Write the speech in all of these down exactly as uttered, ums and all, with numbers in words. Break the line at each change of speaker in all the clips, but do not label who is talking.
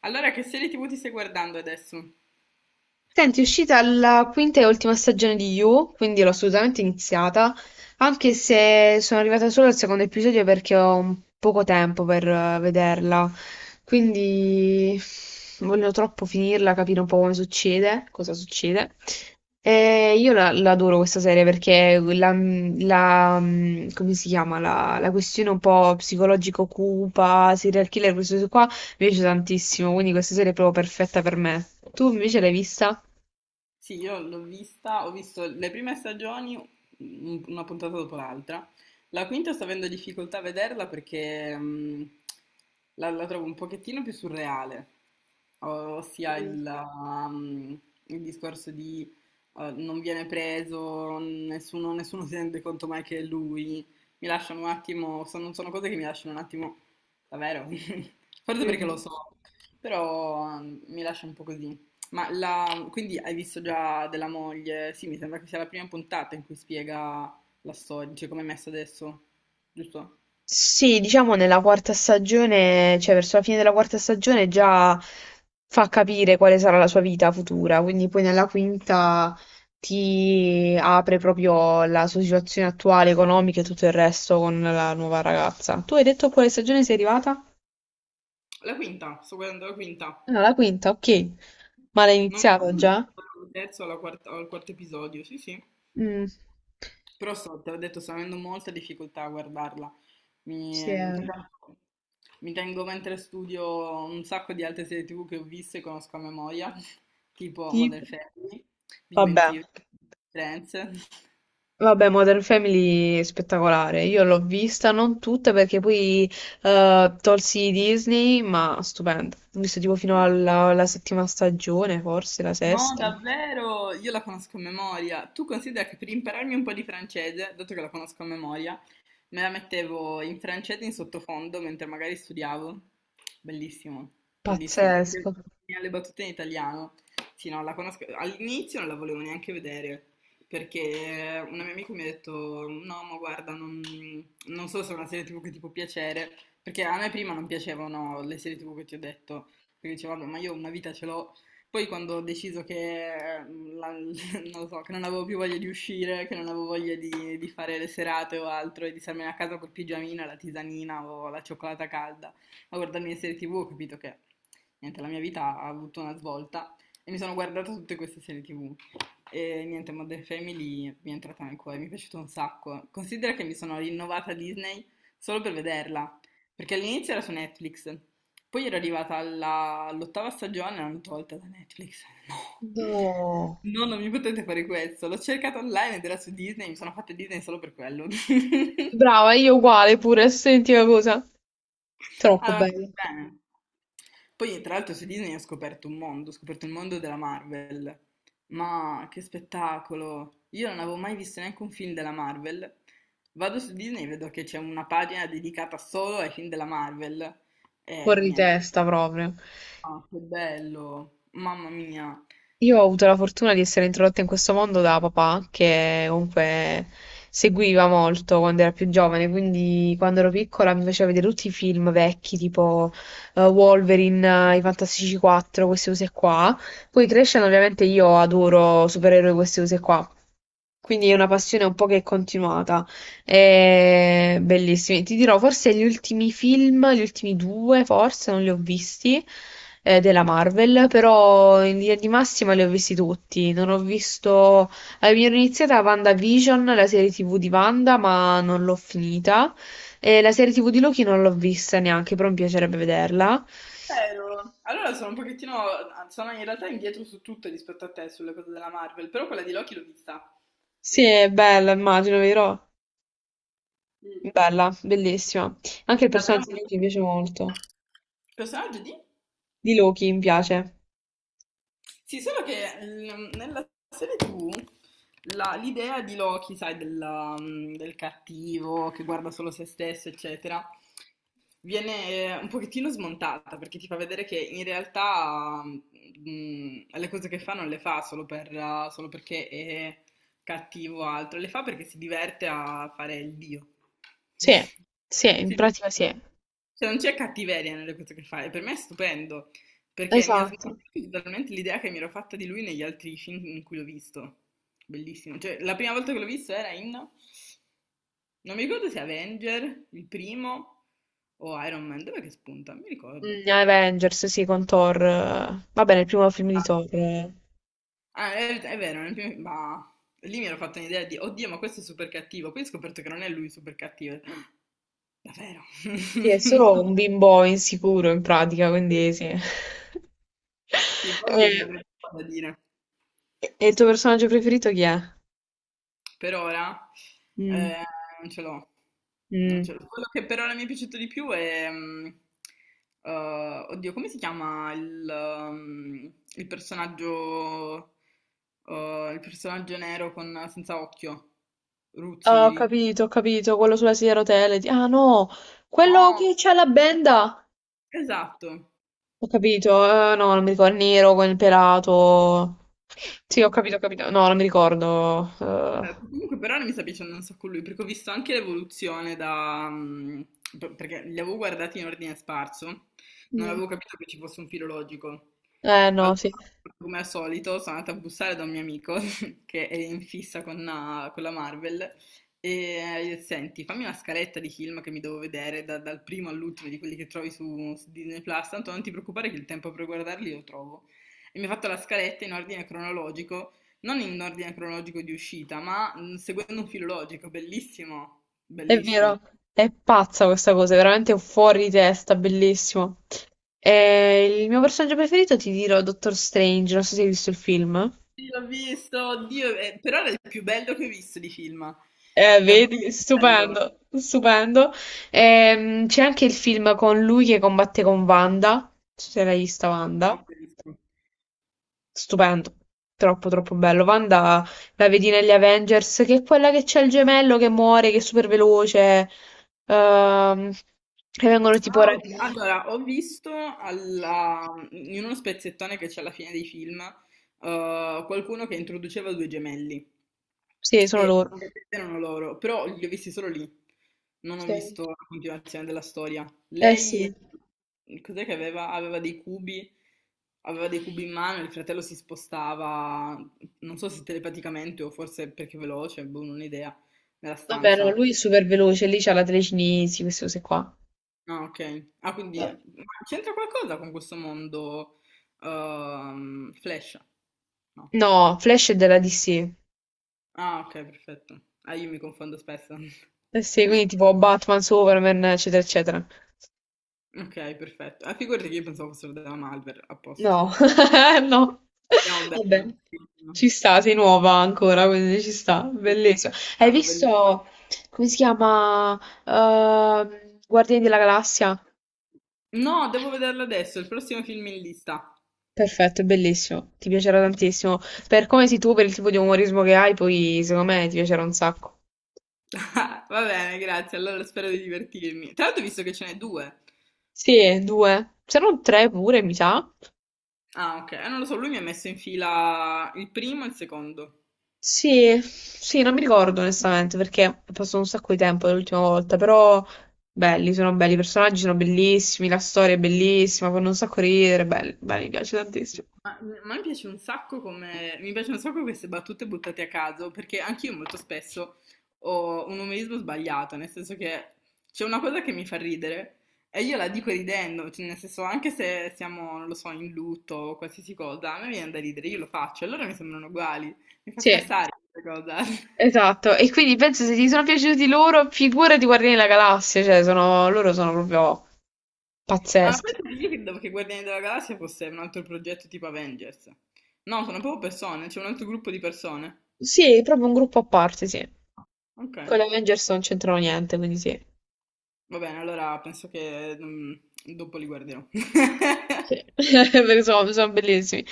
Allora che serie tv ti stai guardando adesso?
Senti, è uscita la quinta e ultima stagione di You, quindi l'ho assolutamente iniziata, anche se sono arrivata solo al secondo episodio perché ho un poco tempo per eh, vederla, quindi voglio troppo finirla, capire un po' come succede, cosa succede. E io la, la adoro questa serie perché la, la- mm, come si chiama, la, la questione un po' psicologico cupa, serial killer, questo qua, mi piace tantissimo, quindi questa serie è proprio perfetta per me. Tu invece l'hai vista?
Sì, io l'ho vista, ho visto le prime stagioni, un- una puntata dopo l'altra. La quinta sto avendo difficoltà a vederla perché mh, la, la trovo un pochettino più surreale, o- ossia
Mm,
il, um, il discorso di eh, non viene preso, nessuno, nessuno si rende conto mai che è lui. Mi lasciano un attimo, sono, sono cose che mi lasciano un attimo, davvero, forse perché lo
mm.
so, però mm, mi lascia un po' così. Ma la- quindi hai visto già della moglie? Sì, mi sembra che sia la prima puntata in cui spiega la storia, cioè come è messa adesso, giusto?
Sì, diciamo nella quarta stagione, cioè verso la fine della quarta stagione già fa capire quale sarà la sua vita futura, quindi poi nella quinta ti apre proprio la sua situazione attuale, economica e tutto il resto con la nuova ragazza. Tu hai detto a quale stagione sei arrivata?
La quinta, sto guardando la quinta.
Ah, la quinta, ok. Ma l'hai
Non so
iniziata
se è
già?
il terzo o la quarta- o il quarto episodio, sì, sì.
Mm.
Però so, te l'ho detto, sto avendo molta difficoltà a guardarla. Mi,
Sì,
per
eh.
esempio, mi tengo mentre studio un sacco di altre serie tivù che ho visto e conosco a memoria, tipo
Ti-
Modern Family, Big Bang
Vabbè.
Theory, Friends.
Vabbè, Modern Family è spettacolare. Io l'ho vista, non tutta perché poi eh, tolsi Disney, ma stupenda. Ho visto tipo fino alla, alla settima stagione, forse la
No,
sesta.
davvero, io la conosco a memoria. Tu considera che per impararmi un po' di francese, dato che la conosco a memoria, me la mettevo in francese in sottofondo mentre magari studiavo. Bellissimo, bellissimo. Perché
Pazzesco.
le battute in italiano. Sì, no, la conosco. All'inizio non la volevo neanche vedere. Perché un mio amico mi ha detto: "No, ma guarda, non, non so se è una serie tivù che ti può piacere." Perché a me prima non piacevano le serie T V che ti ho detto. Perché dicevo, "Vabbè, ma io una vita ce l'ho." Poi quando ho deciso che eh, la, non lo so, che non avevo più voglia di uscire, che non avevo voglia di, di fare le serate o altro e di starmene a casa col pigiamino, la tisanina o la cioccolata calda a guardarmi le serie tv, ho capito che niente, la mia vita ha avuto una svolta e mi sono guardata tutte queste serie tv. E niente, Modern Family mi è entrata nel cuore, mi è piaciuto un sacco. Considera che mi sono rinnovata Disney solo per vederla, perché all'inizio era su Netflix, poi era arrivata alla- all'ottava stagione e l'hanno tolta da Netflix. No.
No.
No, non mi potete fare questo. L'ho cercata online ed era su Disney, mi sono fatta Disney solo per quello.
Brava, io uguale pure, senti una cosa. Troppo
Allora,
bello.
bene. Poi, tra l'altro, su Disney ho scoperto un mondo, ho scoperto il mondo della Marvel. Ma che spettacolo! Io non avevo mai visto neanche un film della Marvel. Vado su Disney e vedo che c'è una pagina dedicata solo ai film della Marvel. E
Fuori di
niente.
testa proprio.
Ah, che bello, mamma mia.
Io ho avuto la fortuna di essere introdotta in questo mondo da papà, che comunque seguiva molto quando era più giovane, quindi quando ero piccola mi faceva vedere tutti i film vecchi, tipo eh, Wolverine, eh, i Fantastici quattro, questi cose qua. Poi crescendo ovviamente io adoro supereroi queste cose qua. Quindi è una passione un po' che è continuata. È bellissima. Ti dirò, forse gli ultimi film, gli ultimi due, forse non li ho visti, eh, della Marvel, però in linea di massima li ho visti tutti. Non ho visto. Eh, mi ero iniziata WandaVision, la serie T V di Wanda, ma non l'ho finita. E la serie T V di Loki non l'ho vista neanche, però mi piacerebbe vederla.
Vero. Allora sono un pochettino, sono in realtà indietro su tutto rispetto a te sulle cose della Marvel, però quella di Loki l'ho vista.
Sì, è bella, immagino, vero?
Mm.
Bella, bellissima. Anche il
Davvero
personaggio di
molto
Loki mi
bella.
piace molto.
Personaggio di?
Di Loki, mi piace.
Sì, solo che mm, nella serie T V la- l'idea di Loki, sai, della- mm, del cattivo che guarda solo se stesso, eccetera, viene eh, un pochettino smontata perché ti fa vedere che in realtà mm, le cose che fa non le fa solo per, eh, solo perché è cattivo o altro, le fa perché si diverte a fare il dio.
Sì, sì, in
Sì.
pratica sì.
Cioè, non c'è cattiveria nelle cose che fa, e per me è stupendo. Perché mi ha
Esatto.
smarrito totalmente l'idea che mi ero fatta di lui negli altri film in cui l'ho visto. Bellissimo. Cioè, la prima volta che l'ho visto era in... Non mi ricordo se Avenger, il primo, o Iron Man. Dov'è che spunta? Non mi ricordo.
Mm, Avengers, sì, con Thor. eh. Vabbè, nel primo film di
Ah.
Thor. eh.
Ah, è, è vero, nel primo... Ma... Lì mi ero fatta un'idea di, oddio, ma questo è super cattivo. Poi ho scoperto che non è lui super cattivo. Davvero?
Sì, è solo un bimbo insicuro in pratica, quindi sì.
Sì,
E,
Bobby non avrebbe cosa da dire.
e il tuo personaggio preferito chi è?
Per ora
Mm,
eh, non ce l'ho. Non
mm.
ce l'ho. Quello che per ora mi è piaciuto di più è... mm, eh, oddio, come si chiama il, mm, il personaggio... eh, il personaggio nero con, senza occhio?
Ah,
Ruzi,
ho
Riti.
capito, ho capito, quello sulla sedia a rotelle. di- Ah no, quello
No,
che c'ha la benda.
esatto.
Ho capito, eh, no, non mi ricordo, il nero con il pelato. Sì, ho
Oddio.
capito, ho capito. No,
Esatto.
non mi ricordo.
Eh,
eh.
comunque per ora mi sta piacendo un sacco lui, perché ho visto anche l'evoluzione da... mm, per- perché li avevo guardati in ordine sparso, non
Mm.
avevo capito che ci fosse un filologico.
Eh no,
Allora,
sì,
come al solito, sono andata a bussare da un mio amico che è in fissa con, la con la Marvel e gli ho detto, senti, fammi una scaletta di film che mi devo vedere da- dal primo all'ultimo di quelli che trovi su, su Disney Plus, tanto non ti preoccupare che il tempo per guardarli lo trovo. E mi ha fatto la scaletta in ordine cronologico, non in ordine cronologico di uscita, ma mm, seguendo un filologico, bellissimo,
è
bellissimo.
vero, è pazza questa cosa, è veramente fuori di testa, bellissimo. E il mio personaggio preferito ti dirò Doctor Strange, non so se hai visto il film.
Sì, l'ho visto, oddio, eh, però era il più bello che ho visto di film,
Eh,
davvero
vedi,
bello.
stupendo, stupendo. Ehm, c'è anche il film con lui che combatte con Wanda, non so se l'hai vista
Non
Wanda,
ho visto.
stupendo, troppo troppo bello. Wanda la vedi negli Avengers, che è quella che c'è il gemello che muore, che è super veloce, ehm, e vengono tipo
Ah, ok.
rapiti.
Allora, ho visto alla- in uno spezzettone che c'è alla fine dei film, eh, qualcuno che introduceva due gemelli
Sì, sono
e
loro.
e erano loro, però li ho visti solo lì, non ho
Sì.
visto la continuazione della storia.
Eh sì.
Lei, cos'è che aveva? Aveva dei cubi, aveva dei cubi in mano, il fratello si spostava, non so se telepaticamente o forse perché è veloce, boh, non ho idea, nella
Vabbè, no,
stanza.
lui è super veloce, lì c'ha la telecinesi, queste cose qua.
Ah, ok. Ah, quindi
Eh,
ma c'entra qualcosa con questo mondo, ehm, Flash? No.
No, Flash è della D C.
Ah, ok, perfetto. Ah, io mi confondo spesso.
Eh sì, quindi tipo Batman, Superman, eccetera, eccetera.
Ok, perfetto. Ah, figurati che io pensavo fossero della Malware, a posto.
No, no.
Andiamo
Va bene.
bene. Sì, no.
Ci sta, sei nuova ancora, quindi ci sta.
Sì, sì, sì.
Bellissimo. Hai
Strano, bellissimo.
visto, come si chiama? Ehm, Guardiani della Galassia?
No, devo vederlo adesso, il prossimo film in lista.
Perfetto, è bellissimo. Ti piacerà tantissimo. Per come sei tu, per il tipo di umorismo che hai, poi secondo me ti piacerà un sacco.
Va bene, grazie, allora spero di divertirmi. Tra l'altro ho visto che ce n'è due.
Sì, due. C'erano tre pure, mi sa.
Ah, ok. Eh, non lo so, lui mi ha messo in fila il primo e il secondo.
Sì, sì, non mi ricordo onestamente perché è passato un sacco di tempo dall'ultima volta, però belli, sono belli, i personaggi sono bellissimi, la storia è bellissima, fanno un sacco ridere, belli, belli, mi piace tantissimo.
Ma, ma mi piace un sacco come, mi piacciono un sacco queste battute buttate a caso, perché anch'io molto spesso ho un umorismo sbagliato, nel senso che c'è una cosa che mi fa ridere e io la dico ridendo, cioè, nel senso anche se siamo, non lo so, in lutto o qualsiasi cosa, a me viene da ridere, io lo faccio, allora mi sembrano uguali, mi fa
Sì,
scassare questa cosa.
esatto. E quindi penso se ti sono piaciuti loro, figurati Guardiani della Galassia, cioè sono, loro sono proprio
Ah, ma
pazzeschi.
penso che io credevo che Guardiani della Galassia fosse un altro progetto tipo Avengers. No, sono proprio persone, c'è un altro gruppo di persone.
Sì, proprio un gruppo a parte, sì.
Ok.
Con gli Avengers non c'entrano niente, quindi sì.
Va bene, allora penso che mm, dopo li guarderò.
Sì, perché sono, sono, bellissimi.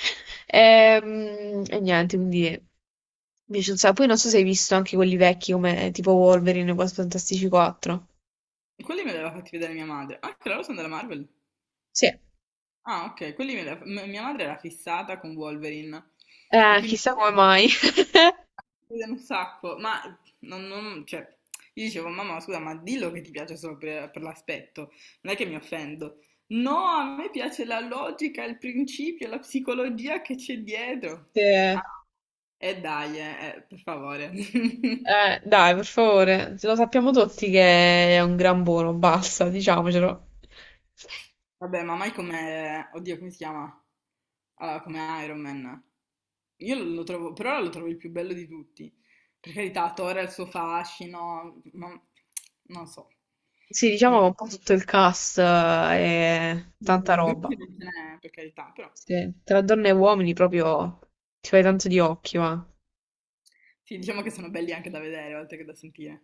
Ehm, E, niente, quindi mi piace un sacco. Poi non so se hai visto anche quelli vecchi come tipo Wolverine e Quattro Fantastici quattro.
Quelli me li aveva fatti vedere mia madre. Ah, che loro sono della Marvel.
Sì.
Ah, ok, quelli me li aveva- m- mia madre era fissata con Wolverine e
Eh,
quindi
chissà come
li
mai.
vedono un sacco, ma non, non- cioè, io dicevo, mamma, scusa, ma dillo che ti piace solo per, per l'aspetto, non è che mi offendo. No, a me piace la logica, il principio, la psicologia che c'è dietro.
Sì. Eh,
Ah, e dai, eh, eh, per favore.
dai, per favore, lo sappiamo tutti che è un gran buono, basta, diciamocelo.
Vabbè, ma mai come... Oddio, come si chiama? Allora, come Iron Man. Io lo trovo, per ora lo trovo il più bello di tutti. Per carità, Thor ha il suo fascino, ma non so.
Sì, diciamo
Mi-
che un po' tutto il cast eh, è tanta roba.
Brutti non ce n'è, per carità, però.
Sì, tra donne e uomini proprio ti fai tanto di occhi, va.
Sì, diciamo che sono belli anche da vedere, oltre che da sentire.